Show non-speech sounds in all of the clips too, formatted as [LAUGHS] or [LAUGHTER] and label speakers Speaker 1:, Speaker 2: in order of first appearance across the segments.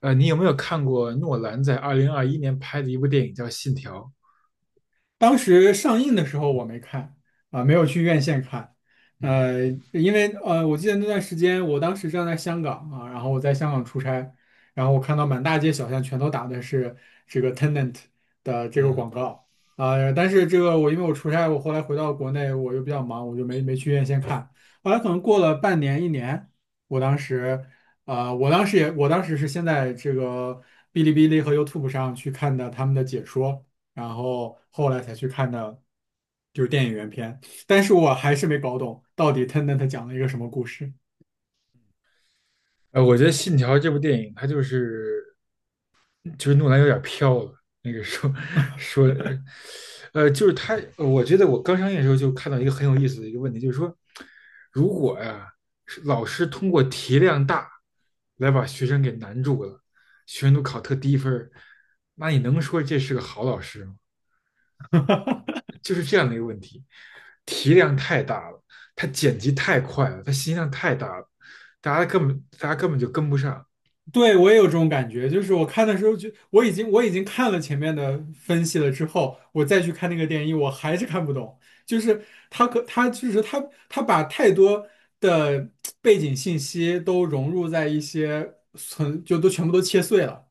Speaker 1: 你有没有看过诺兰在二零二一年拍的一部电影叫《信条》？
Speaker 2: 当时上映的时候我没看没有去院线看。
Speaker 1: 嗯
Speaker 2: 呃，因为我记得那段时间，我当时正在香港啊，然后我在香港出差，然后我看到满大街小巷全都打的是这个 Tenant 的这个
Speaker 1: 嗯。
Speaker 2: 广告。但是这个我因为我出差，我后来回到国内，我又比较忙，我就没去院线看。后来可能过了半年一年，我当时我当时也我当时是先在这个哔哩哔哩和 YouTube 上去看的他们的解说。然后后来才去看的，就是电影原片。但是我还是没搞懂到底 Tenet 讲了一个什么故事。
Speaker 1: 我觉得《信条》这部电影，它就是诺兰有点飘了。那个说说，就是他，我觉得我刚上映的时候就看到一个很有意思的一个问题，就是说，如果呀、是老师通过题量大来把学生给难住了，学生都考特低分儿，那你能说这是个好老师吗？就是这样的一个问题，题量太大了，它剪辑太快了，它信息量太大了，大家根本就跟不上。
Speaker 2: 对，我也有这种感觉，就是我看的时候就我已经看了前面的分析了之后，我再去看那个电影，我还是看不懂。就是他可他就是他他把太多的背景信息都融入在一些存就都全部都切碎了。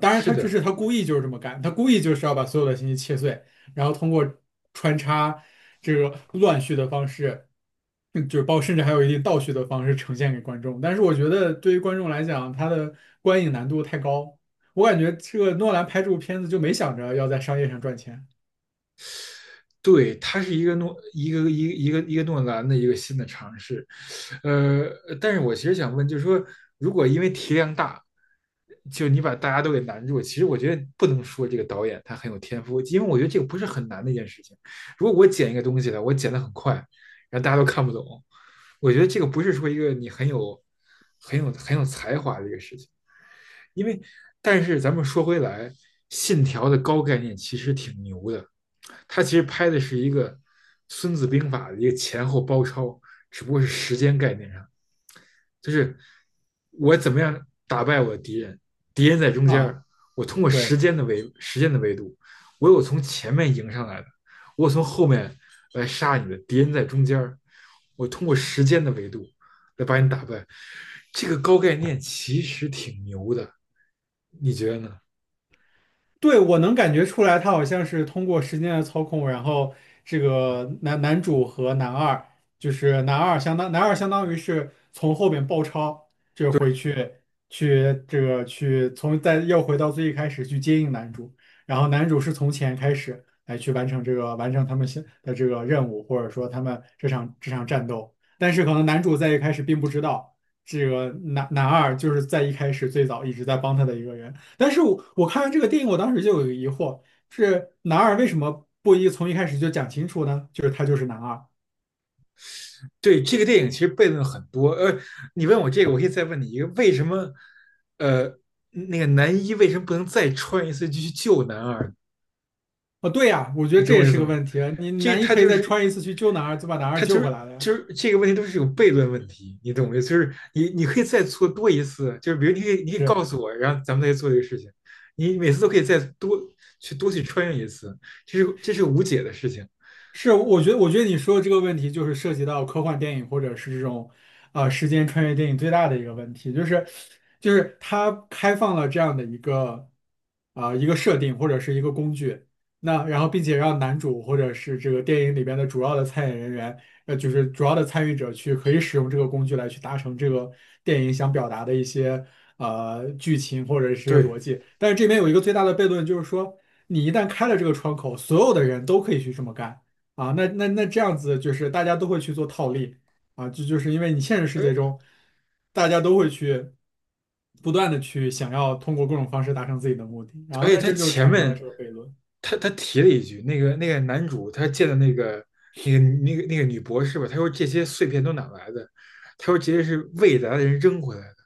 Speaker 2: 当然，
Speaker 1: 是
Speaker 2: 他这
Speaker 1: 的，
Speaker 2: 是他故意就是这么干，他故意就是要把所有的信息切碎，然后通过穿插这个乱序的方式，嗯就是包甚至还有一定倒叙的方式呈现给观众。但是我觉得对于观众来讲，他的观影难度太高，我感觉这个诺兰拍这部片子就没想着要在商业上赚钱
Speaker 1: 对，它是一个诺兰的一个新的尝试。呃，但是我其实想问，就是说，如果因为题量大，就你把大家都给难住，其实我觉得不能说这个导演他很有天赋，因为我觉得这个不是很难的一件事情。如果我剪一个东西呢，我剪的很快，然后大家都看不懂，我觉得这个不是说一个你很有才华的一个事情。因为，但是咱们说回来，信条的高概念其实挺牛的，它其实拍的是一个《孙子兵法》的一个前后包抄，只不过是时间概念上就是我怎么样打败我的敌人，敌人在中间
Speaker 2: 啊。
Speaker 1: 儿，我通过时
Speaker 2: 对。
Speaker 1: 间的维时间的维度，我有从前面迎上来的，我有从后面来杀你的，敌人在中间儿，我通过时间的维度来把你打败。这个高概念其实挺牛的，你觉得呢？
Speaker 2: 对，我能感觉出来，他好像是通过时间的操控，然后这个男主和男二，就是男二相当于是从后面包抄，就回去去这个去从再又回到最一开始去接应男主，然后男主是从前开始来去完成他们现的这个任务，或者说他们这场战斗，但是可能男主在一开始并不知道。这个男二就是在一开始最早一直在帮他的一个人，但是我看完这个电影，我当时就有一个疑惑，是男二为什么不一从一开始就讲清楚呢？就是他就是男二。
Speaker 1: 对，这个电影其实悖论很多。你问我这个，我可以再问你一个：为什么，呃，那个男一为什么不能再穿一次去救男二？
Speaker 2: 哦，对呀，我觉
Speaker 1: 你
Speaker 2: 得这
Speaker 1: 懂我
Speaker 2: 也
Speaker 1: 意
Speaker 2: 是
Speaker 1: 思
Speaker 2: 个
Speaker 1: 吗？
Speaker 2: 问题啊。你
Speaker 1: 这
Speaker 2: 男一
Speaker 1: 它
Speaker 2: 可以
Speaker 1: 就
Speaker 2: 再
Speaker 1: 是
Speaker 2: 穿一次去救男二，就把男二
Speaker 1: 它
Speaker 2: 救
Speaker 1: 就
Speaker 2: 回
Speaker 1: 是
Speaker 2: 来了呀。
Speaker 1: 就是这个问题都是有悖论问题，你懂吗？就是你可以再做多一次，就是比如你可以告
Speaker 2: 是。
Speaker 1: 诉我，然后咱们再做这个事情，你每次都可以再多去穿越一次，这是无解的事情。
Speaker 2: 是，我觉得，我觉得你说的这个问题就是涉及到科幻电影或者是这种，时间穿越电影最大的一个问题，就是，就是它开放了这样的一个，一个设定或者是一个工具，那然后并且让男主或者是这个电影里边的主要的参演人员，就是主要的参与者去可以使用这个工具来去达成这个电影想表达的一些剧情或者是一些
Speaker 1: 对，
Speaker 2: 逻辑，但是这边有一个最大的悖论，就是说你一旦开了这个窗口，所有的人都可以去这么干。啊，那这样子就是大家都会去做套利啊，这就是因为你现实世界
Speaker 1: 而
Speaker 2: 中，大家都会去不断的去想要通过各种方式达成自己的目的，然
Speaker 1: 而
Speaker 2: 后
Speaker 1: 且
Speaker 2: 那
Speaker 1: 他
Speaker 2: 这就
Speaker 1: 前
Speaker 2: 产生了
Speaker 1: 面
Speaker 2: 这个悖论
Speaker 1: 他提了一句，那个男主他见的那个女博士吧，他说这些碎片都哪来的？他说这些是未来的人扔回来的。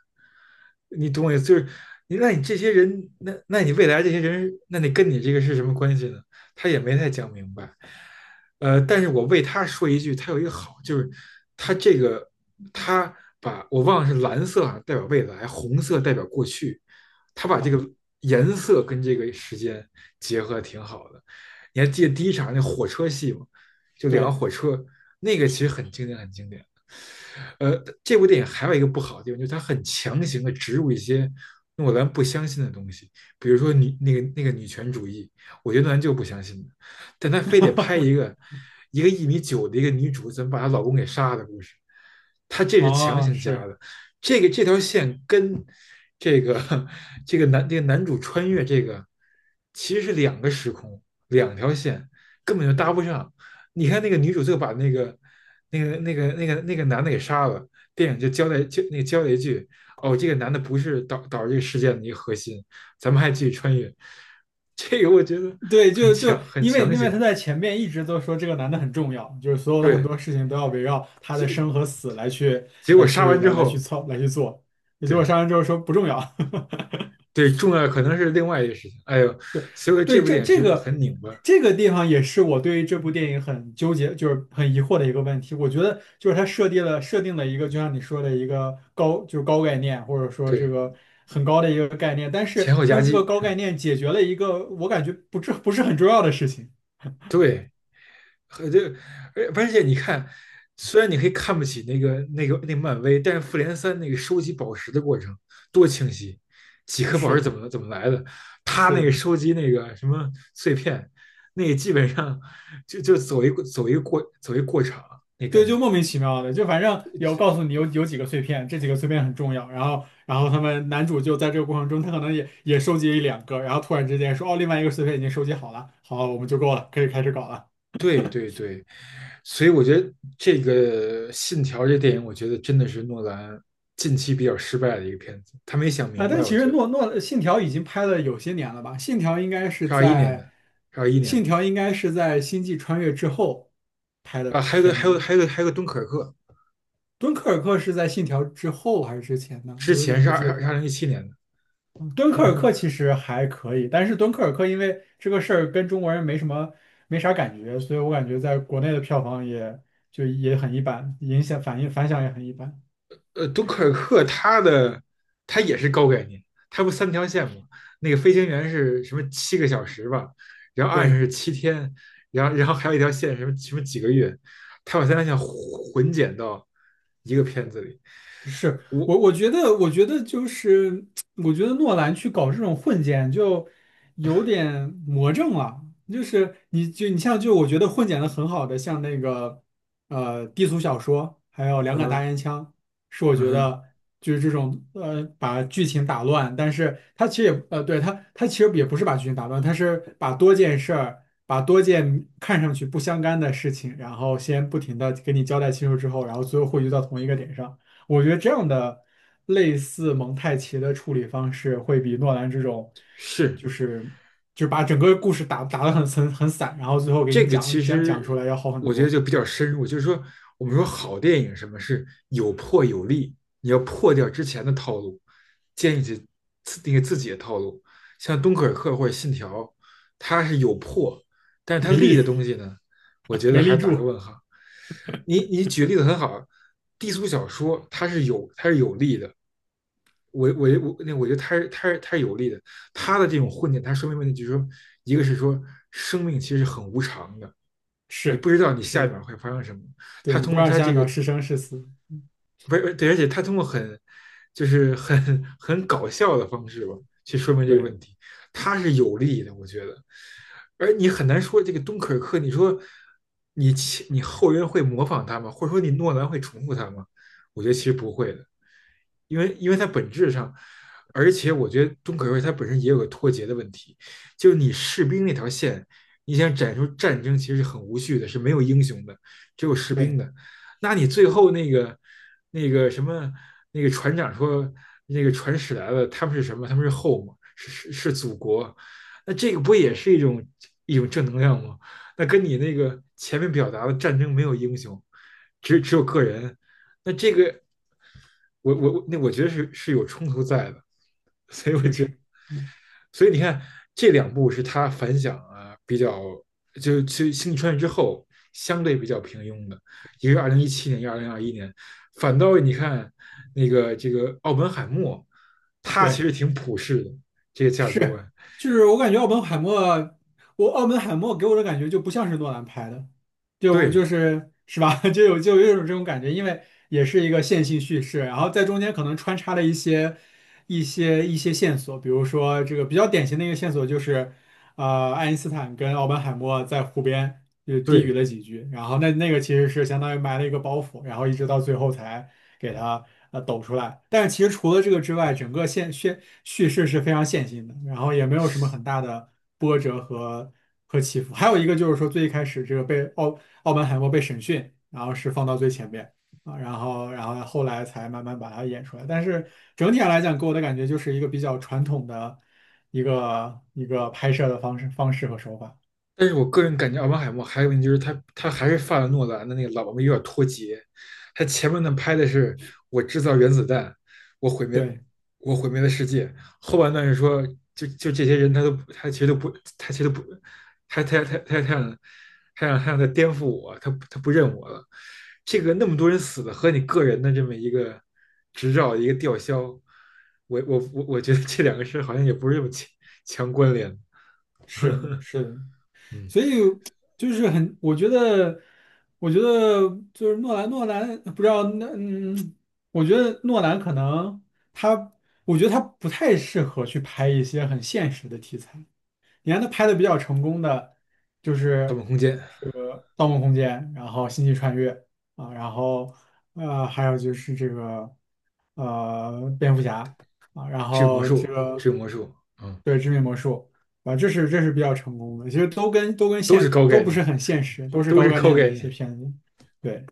Speaker 1: 你懂我意思？就是你那你这些人，那你未来这些人，那你跟你这个是什么关系呢？他也没太讲明白。但是我为他说一句，他有一个好，就是他这个他把我忘了是蓝色好像代表未来，红色代表过去，他把这
Speaker 2: 啊。
Speaker 1: 个颜色跟这个时间结合的挺好的。你还记得第一场那火车戏吗？就两个
Speaker 2: 对。
Speaker 1: 火车，那个其实很经典，很经典。呃，这部电影还有一个不好的地方，就是它很强行的植入一些诺兰不相信的东西，比如说女那个那个女权主义，我觉得诺兰就不相信的，但他非得拍一个
Speaker 2: [LAUGHS]
Speaker 1: 一个1米9的一个女主怎么把她老公给杀的故事，他这是强
Speaker 2: 哦，
Speaker 1: 行加
Speaker 2: 是。
Speaker 1: 的，这个这条线跟这个这个男这个男主穿越这个其实是两个时空，两条线根本就搭不上。你看那个女主最后把那个男的给杀了，电影就交代就那个交代一句，哦，这个男的不是导致这个事件的一个核心，咱们还继续穿越。[LAUGHS] 这个我觉得
Speaker 2: 对，
Speaker 1: 很
Speaker 2: 就就
Speaker 1: 强很
Speaker 2: 因为
Speaker 1: 强
Speaker 2: 因为他
Speaker 1: 行，
Speaker 2: 在前面一直都说这个男的很重要，就是所有的很多事情都要围绕他的生
Speaker 1: 结
Speaker 2: 和死来去
Speaker 1: 结果
Speaker 2: 来
Speaker 1: 杀
Speaker 2: 去
Speaker 1: 完之
Speaker 2: 来来去
Speaker 1: 后，
Speaker 2: 操来去做，也结果
Speaker 1: 对
Speaker 2: 上来之后说不重要。[LAUGHS]
Speaker 1: 对，重要的可能是另外一个事情。哎呦，所以说这
Speaker 2: 对，
Speaker 1: 部
Speaker 2: 这
Speaker 1: 电影其
Speaker 2: 这
Speaker 1: 实
Speaker 2: 个
Speaker 1: 很拧巴。
Speaker 2: 这个地方也是我对于这部电影很纠结，就是很疑惑的一个问题。我觉得就是它设定了一个，就像你说的一个高，就是高概念，或者说这
Speaker 1: 对，
Speaker 2: 个很高的一个概念，但是
Speaker 1: 前后
Speaker 2: 它
Speaker 1: 夹
Speaker 2: 用这个
Speaker 1: 击，
Speaker 2: 高概念解决了一个我感觉不是很重要的事情。
Speaker 1: 对，和这个，而且你看，虽然你可以看不起那个漫威，但是复联3那个收集宝石的过程多清晰，几颗宝石
Speaker 2: 是
Speaker 1: 怎么来的，他
Speaker 2: 是
Speaker 1: 那个
Speaker 2: 的。
Speaker 1: 收集那个什么碎片，那个基本上就走一个过场那
Speaker 2: 对，
Speaker 1: 感
Speaker 2: 就
Speaker 1: 觉。
Speaker 2: 莫名其妙的，就反正有告诉你有几个碎片，这几个碎片很重要。然后，然后他们男主就在这个过程中，他可能也收集一两个，然后突然之间说，哦，另外一个碎片已经收集好了，好，我们就够了，可以开始搞了。
Speaker 1: 对对对，所以我觉得这个《信条》这电影，我觉得真的是诺兰近期比较失败的一个片子，他没想
Speaker 2: 啊，
Speaker 1: 明白，
Speaker 2: 但其
Speaker 1: 我
Speaker 2: 实
Speaker 1: 觉得
Speaker 2: 诺信条已经拍了有些年了吧？信条应该是
Speaker 1: 是二一年的，
Speaker 2: 在
Speaker 1: 是二一年
Speaker 2: 信
Speaker 1: 的。
Speaker 2: 条应该是在星际穿越之后拍
Speaker 1: 啊，
Speaker 2: 的
Speaker 1: 还有个
Speaker 2: 片
Speaker 1: 还有
Speaker 2: 子，
Speaker 1: 还有个还有个敦刻尔克，
Speaker 2: 敦刻尔克是在信条之后还是之前呢？
Speaker 1: 之
Speaker 2: 我有点
Speaker 1: 前是
Speaker 2: 不记得
Speaker 1: 二
Speaker 2: 了。
Speaker 1: 零一七年的。
Speaker 2: 敦刻尔克其实还可以，但是敦刻尔克因为这个事儿跟中国人没什么没啥感觉，所以我感觉在国内的票房也就也很一般，影响反应反响也很一般。
Speaker 1: 敦刻尔克它也是高概念，它不三条线吗？那个飞行员是什么7个小时吧，然后岸上
Speaker 2: 对。
Speaker 1: 是7天，然后然后还有一条线什么什么几个月，它把三条线混剪到一个片子里。我
Speaker 2: 我觉得，我觉得就是，我觉得诺兰去搞这种混剪就有点魔怔了。就是你就你像就我觉得混剪的很好的，像那个低俗小说，还有两杆大
Speaker 1: 嗯
Speaker 2: 烟枪，是我
Speaker 1: 嗯
Speaker 2: 觉
Speaker 1: 哼。
Speaker 2: 得就是这种把剧情打乱，但是它其实也对它其实也不是把剧情打乱，它是把多件事儿。把多件看上去不相干的事情，然后先不停的给你交代清楚之后，然后最后汇聚到同一个点上。我觉得这样的类似蒙太奇的处理方式，会比诺兰这种，
Speaker 1: 是。
Speaker 2: 就是就把整个故事打得很散，然后最后给你
Speaker 1: 这个其
Speaker 2: 讲出
Speaker 1: 实
Speaker 2: 来要好很
Speaker 1: 我觉得
Speaker 2: 多。
Speaker 1: 就比较深入，就是说我们说好电影什么是有破有立，你要破掉之前的套路，建立起自那个自己的套路。像敦刻尔克或者信条，它是有破，但是它
Speaker 2: 没
Speaker 1: 立的
Speaker 2: 立。
Speaker 1: 东西呢，我
Speaker 2: [LAUGHS]
Speaker 1: 觉得
Speaker 2: 没
Speaker 1: 还
Speaker 2: 立
Speaker 1: 打个
Speaker 2: 住，
Speaker 1: 问号。你举例子很好，低俗小说它是有立的，我觉得他是有利的，他的这种混点，他说明问题就是说，一个是说生命其实很无常的，你不
Speaker 2: 是
Speaker 1: 知道你
Speaker 2: 是
Speaker 1: 下一
Speaker 2: 的，
Speaker 1: 秒会发生什么。他
Speaker 2: 对你
Speaker 1: 通
Speaker 2: 不知
Speaker 1: 过
Speaker 2: 道
Speaker 1: 他
Speaker 2: 下一
Speaker 1: 这个
Speaker 2: 秒是生是死，
Speaker 1: 不是对，而且他通过很就是很很搞笑的方式吧，去说明这个
Speaker 2: 对。
Speaker 1: 问题，他是有利的，我觉得。而你很难说这个东可克，你说你你后人会模仿他吗？或者说你诺兰会重复他吗？我觉得其实不会的。因为它本质上，而且我觉得中可瑞它本身也有个脱节的问题，就是你士兵那条线，你想展出战争其实是很无序的，是没有英雄的，只有士兵
Speaker 2: 对，
Speaker 1: 的。那你最后那个那个什么船长说那个船驶来了，他们是什么？他们是 home,是祖国。那这个不也是一种正能量吗？那跟你那个前面表达的战争没有英雄，只有个人，那这个我觉得是有冲突在的，
Speaker 2: 确实。
Speaker 1: 所以你看这两部是他反响啊比较，就去《星际穿越之后相对比较平庸的，一个是二零一七年，一个二零二一年，反倒你看那个这个奥本海默，他其
Speaker 2: 对。
Speaker 1: 实挺普世的这个价值观。
Speaker 2: 是，就是我感觉奥本海默，我奥本海默给我的感觉就不像是诺兰拍的，就
Speaker 1: 对
Speaker 2: 就是是吧？[LAUGHS] 就有就有一种这种感觉，因为也是一个线性叙事，然后在中间可能穿插了一些一些线索，比如说这个比较典型的一个线索就是。呃，爱因斯坦跟奥本海默在湖边就低语
Speaker 1: 对，
Speaker 2: 了几句，然后那那个其实是相当于埋了一个包袱，然后一直到最后才给他抖出来。但是其实除了这个之外，整个线叙事是非常线性的，然后也没有什么很大的波折和起伏。还有一个就是说，最一开始这个被奥本海默被审讯，然后是放到最前面。啊，然后，然后后来才慢慢把它演出来。但是整体上来讲，给我的感觉就是一个比较传统的。一个拍摄的方式和手法。
Speaker 1: 但是我个人感觉奥本海默还有问题就是他还是犯了诺兰的那个老毛病，有点脱节。他前面呢拍的是我制造原子弹，我毁灭
Speaker 2: 对，
Speaker 1: 我毁灭了世界，后半段是说就这些人他都他其实都不他他他他他想他想再颠覆我，他不认我了。这个那么多人死的和你个人的这么一个执照一个吊销，我觉得这两个事好像也不是这么强关联。
Speaker 2: 是是的，
Speaker 1: 嗯，
Speaker 2: 所以就是很，我觉得，我觉得就是诺兰，诺兰不知道那我觉得诺兰可能他，我觉得他不太适合去拍一些很现实的题材。你看他拍的比较成功的就
Speaker 1: 盗
Speaker 2: 是
Speaker 1: 梦空间。
Speaker 2: 这个《盗梦空间》，然后《星际穿越》啊，然后还有就是这个蝙蝠侠啊，然
Speaker 1: 治魔
Speaker 2: 后这
Speaker 1: 术，治
Speaker 2: 个
Speaker 1: 魔术，嗯，
Speaker 2: 对致命魔术啊，这是这是比较成功的，其实都跟
Speaker 1: 都是
Speaker 2: 现
Speaker 1: 高
Speaker 2: 都
Speaker 1: 概
Speaker 2: 不
Speaker 1: 念，
Speaker 2: 是很现实，都是
Speaker 1: 都
Speaker 2: 高
Speaker 1: 是
Speaker 2: 概
Speaker 1: 高
Speaker 2: 念
Speaker 1: 概
Speaker 2: 的一些
Speaker 1: 念。
Speaker 2: 片子，对。